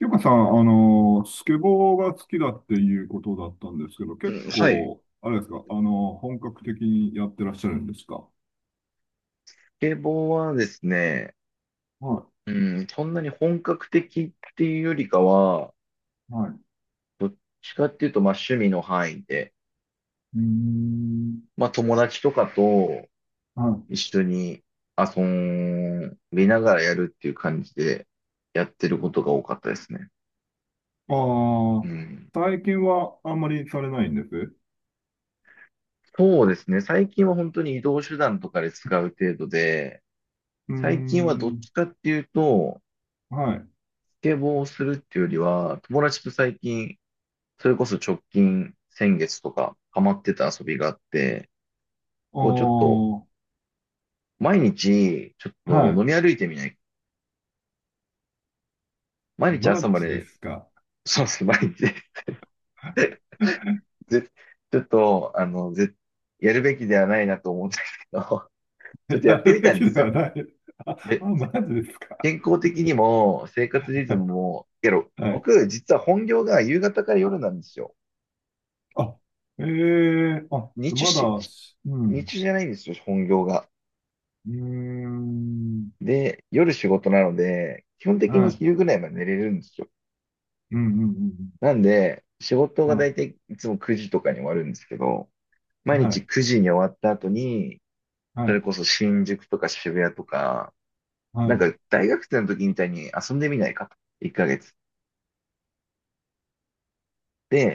ゆかさん、スケボーが好きだっていうことだったんですけど、う結んはい。構、あれですか、本格的にやってらっしゃるんですか？スケボーはですね、はうそんなに本格的っていうよりかは、い、はい。どっちかっていうと、まあ趣味の範囲で、うーん、まあ友達とかとはい。一緒に遊びながらやるっていう感じでやってることが多かったですね。あうあ、ん。最近はあんまりされないんです。そうですね。最近は本当に移動手段とかで使う程度で、うー最近はどっん、ちかっていうと、はい。あスケボーをするっていうよりは、友達と最近それこそ直近、先月とか、ハマってた遊びがあって、こうちょっと、あ、毎日、ちょっはと飲い。み歩いてみない、毎日マ朝まジでで、すか？そうですね、毎日 ぜちょっと、あの、ぜ、やるべきではないなと思うんですけど、ちょっとややってるみべたんできすではよ。ない。あ、あ、で、マジですか？健康的にも、生活リズ ムも、けど、はい。僕、実は本業が夕方から夜なんですよ。あ、ええ、あ、日中まだ、し、う日ん。中じゃないんですよ、本業が。うーん。で、夜仕事なので、基本的はにい。昼ぐらいまで寝れるんですよ。うんうんうんなんで、仕事うがん。は大い。体いつも9時とかに終わるんですけど、毎は日い。9時に終わった後に、はそれい。こそ新宿とか渋谷とか、なんはか大学生の時みたいに遊んでみないかと。1ヶ月。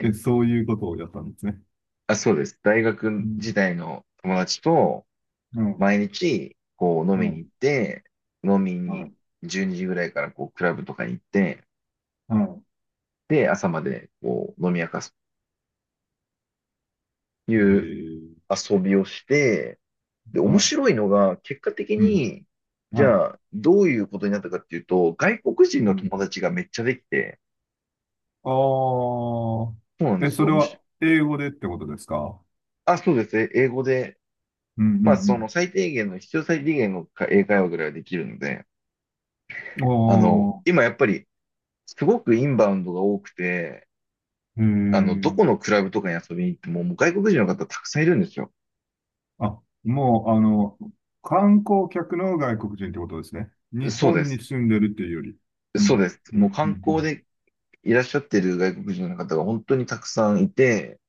い。え、そういうことをやったんですね。あ、そうです。大う学ん。時代の友達とうん。毎日こう飲うみに行っん。て、飲みはにい。12時ぐらいからこうクラブとかに行って、はで、朝までこう飲み明かすとい。いう遊びをして、で、面は白いのが、結果的い。うん。に、じはゃあ、どういうことになったかっていうと、外国人のい。うん。友達がめっちゃできて、あそうなんあ。でえ、すそよ、れ面白い。は英語でってことですか？あ、そうですね、英語で、うんうまあ、そんの最低限の、必要最低限のか英会話ぐらいはできるので、うあん。の、ああ。今やっぱり、すごくインバウンドが多くて、えあの、どー。このクラブとかに遊びに行っても、もう外国人の方たくさんいるんですよ。あ、もう、観光客の外国人ってことですね。日そうで本にす。住んでるっていうより。うそうん。です。うん。もうう観光ん。でいらっしゃってる外国人の方が本当にたくさんいて、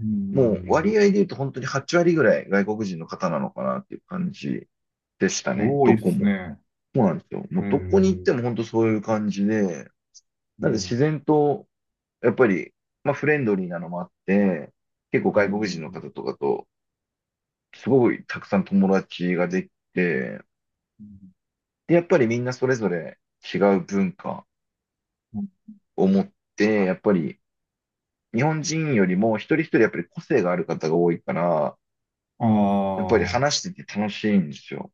うん。うもうん、割合で言うと本当に8割ぐらい外国人の方なのかなっていう感じでしたね。多どいっこすも。ね。そうなんですよ。もえうどこに行っー、ても本当そういう感じで、うなんでん、うん、自然と、やっぱり、まあフレンドリーなのもあって、結構う外国人ん。の方とかと、すごいたくさん友達ができて、で、やっぱりみんなそれぞれ違う文化うんを持って、やっぱり日本人よりも一人一人やっぱり個性がある方が多いから、あやっぱりー話してて楽しいんですよ。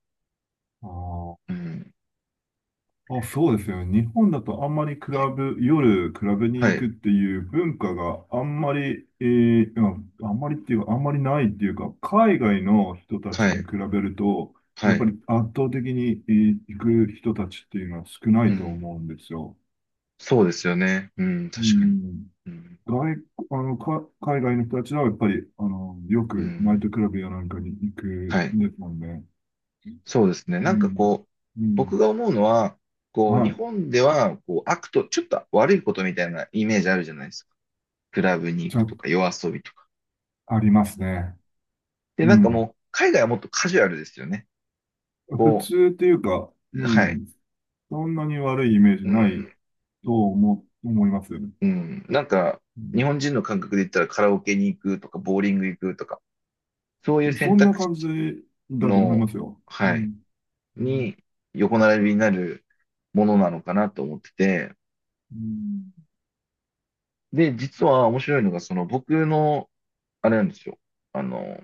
あー、うん。あ、そうですよね。日本だとあんまりクラブ、夜クラブには行い。くっていう文化があんまり、うんあんまりっていうか、あんまりないっていうか、海外の人たはちにい、比べると、はやっぱりい、圧倒的に、行く人たちっていうのは少なういとん。思うんですよ。そうですよね。うん、う確かに。ん。うん、外、あの、か、海外の人たちはやっぱり、ようくナイトん、クラブやなんかに行くはい。んですもんね。そうですね。うん。う僕ん。が思うのは、こう、は日い。本では、こう、ちょっと悪いことみたいなイメージあるじゃないですか。クラブに行ちくとょ、か、夜遊びとか。ありますね。で、うなんかん。もう、海外はもっとカジュアルですよね。普こ通っていうか、うう、はい。ん。そんなに悪いイメージうん、ないと思いますよね。うん。なんか、う日ん。本人の感覚で言ったら、カラオケに行くとか、ボーリング行くとか、そういうそ選んな択肢感じだと思いの、ますよ。うはい。ん。うん。に横並びになるものなのかなと思ってて、うんで、実は面白いのが、その僕の、あれなんですよ。あの、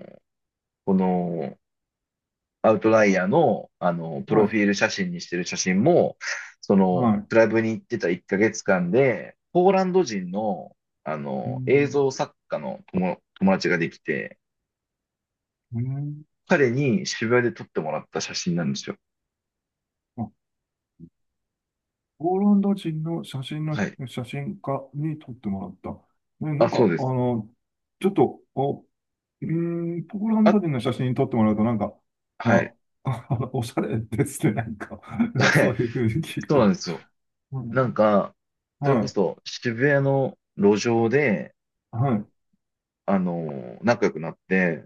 このアウトライヤーの、あの、プはロい。フィール写真にしてる写真も、その、はい。クラブに行ってた1ヶ月間で、ポーランド人の、あうの、映ん。像作家の友、友達ができて、ね、彼に渋谷で撮ってもらった写真なんですよ。あ、ポーランド人の写真の、はい。写真家に撮ってもらった。ね、なあ、んそか、うです。ちょっと、ポーランあ、ド人の写真撮ってもらうと、なんか、はあ、い。あ、おしゃれですね、なんか、はそうい。いうふうに聞くそうなんと。ですよ。うなんん、か、それはこい、そ渋谷の路上で、はい、あの、仲良くなって、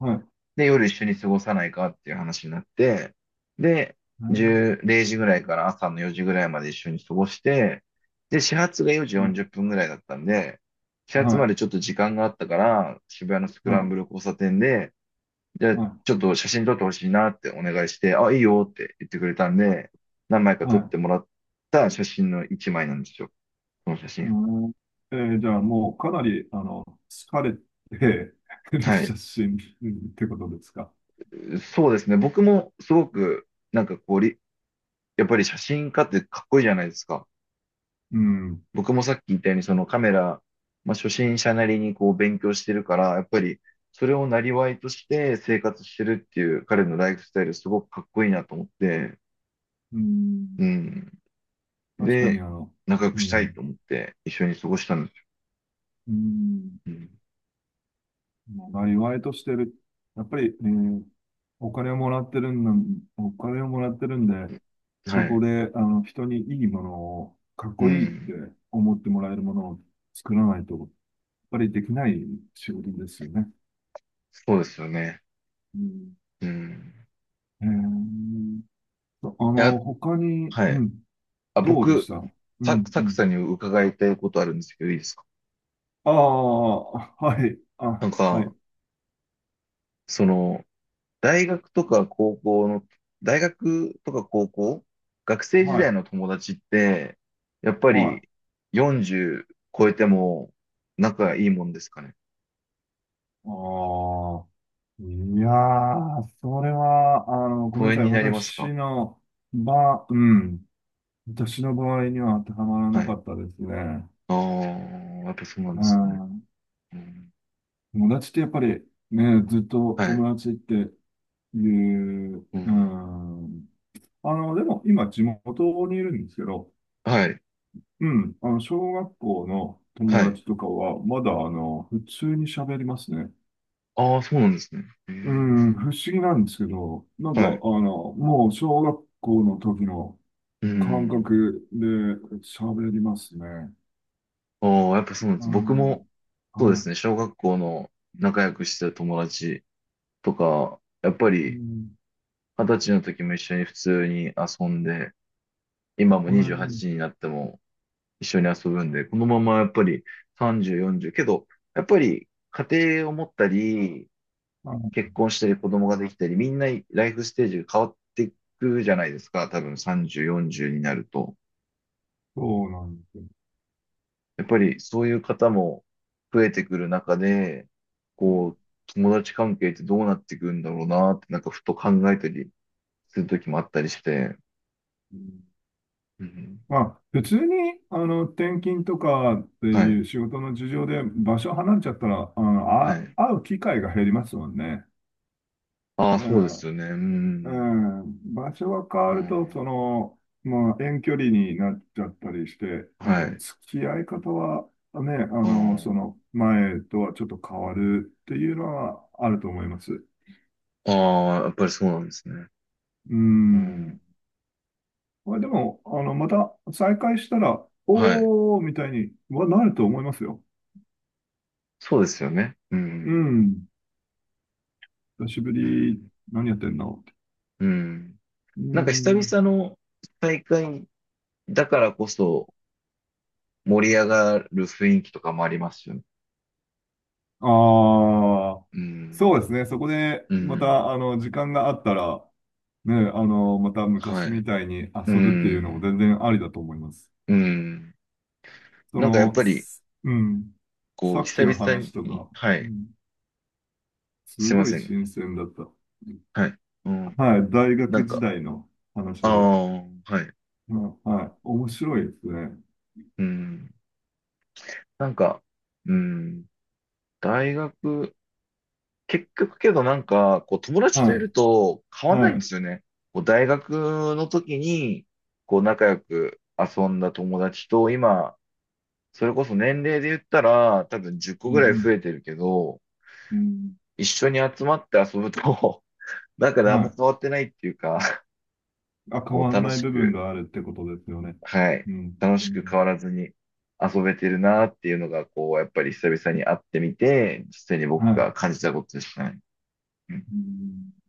はい、で、夜一緒に過ごさないかっていう話になって、で、うん、10、時ぐらいから朝の4時ぐらいまで一緒に過ごして、で、始発が4時うん、40分ぐらいだったんで、始発まはでちょっと時間があったから、渋谷のスい、クランはブル交差点で、じゃあい、はちょっと写真撮ってほしいなってお願いして、あ、いいよって言ってくれたんで、何枚かい、撮はっい。てもらった写真の1枚なんですよ。この写真。うん、じゃあ、もうかなり、疲れてるはい。写真ってことですか？そうですね。僕もすごく、なんかこうり、やっぱり写真家ってかっこいいじゃないですか。うん、僕もさっき言ったように、そのカメラ、まあ、初心者なりにこう勉強してるから、やっぱりそれをなりわいとして生活してるっていう彼のライフスタイルすごくかっこいいなと思って、うん、うん。確かに、で、仲良くうしたいん、と思って一緒に過ごしたんですよ。うんうん、うんあ、意外としてる。やっぱり、お金をもらってるんだ、お金をもらってるんで、はそこい。で、人にいいものを、かっうこいいっん。て思ってもらえるものを作らないと、やっぱりできない仕事ですよね。そうですよね。うん、うん。えーいや、他に、はうい。ん、あ、どうでし僕、た？うサクん、うサクん。さんに伺いたいことあるんですけど、いいですか？ああ、はい、なんあ、はか、い、その、大学とか高校の、大学とか高校、学生時は代い、の友達って、やっぱはい。あり40超えても仲がいいもんですかね？あ、いやー、それは、ごめん疎な遠さい。になりますか？私の場、うん。私の場合には当てはまらはなかい。ったですね。ああ、やっぱそうなんでうすかね。ん。うん、友達ってやっぱり、ね、ずっとはい。友達っていう、ううん、ん。でも今地元にいるんですけど、はい。うん。小学校のは友い。達とかは、まだ、普通に喋りますね。ああ、そうなんですね。へうん、え。不思議なんですけど、なんはか、い。もう小学校の時の、う感ん。覚で喋りますね。ああ、やっぱそうなんでうす。ん。そうではすい。ね、小学校の仲良くしてた友達とか、やっぱうり、ん。二十歳の時も一緒に普通に遊んで、今もうん28になっても一緒に遊ぶんで、このままやっぱり30、40、けど、やっぱり家庭を持ったり、あ、結婚したり子供ができたり、みんなライフステージが変わっていくじゃないですか。多分30、40になると。そうなんですよ。やっぱりそういう方も増えてくる中で、こう、う友達関係ってどうなっていくんだろうなって、なんかふと考えたりする時もあったりして、んうん、まあ、普通に、転勤とかってはいい、う仕事の事情で場所離れちゃったら、はあ、い。会う機会が減りますもんね。ああ、うそうですん。よね。ううん。ん、場所が変うわると、そん、の、まあ、遠距離になっちゃったりして、はい。付き合い方はね、あその前とはちょっと変わるっていうのはあると思います。あ、ああやっぱりそうなんですね。ううん、ん。まあ、でも、また再会したら、はい。おーみたいにはなると思いますよ。そうですよね。ううん。ん。久しぶうり、ん。何やってんのって。うん。うなんか久ん。々の大会だからこそ盛り上がる雰囲気とかもありますよね。ああ、うそうん。ですね。そこで、うまん。た、時間があったら、ね、または昔い。みたいにう遊ぶっていうのもん。全然ありだと思います。うん。そなんかやっの、ぱり、うん、こう、さっ久きの々話とに、か、はうい。ん、すすいまごいせん。新鮮だった。はい。うん。はい、大な学ん時か、代のあ話。あ、はい。うんはい、面白いですね。うん。なんか、うん、大学、結局けどなんか、こう友達とはいい、ると変わんないはんでい、すよね。こう大学の時に、こう仲良く遊んだ友達と、今、それこそ年齢で言ったら、多分10個うぐらいん、増えてるけど、うん、一緒に集まって遊ぶと、なんかうん、何はも変わい。ってないっていうか、あ、変こうわん楽ないし部分く、があるってことですよね。はい、うん、楽うしく変ん、わらずに遊べてるなっていうのが、こう、やっぱり久々に会ってみて、実際には僕い。が感じたことでしたね。うんうん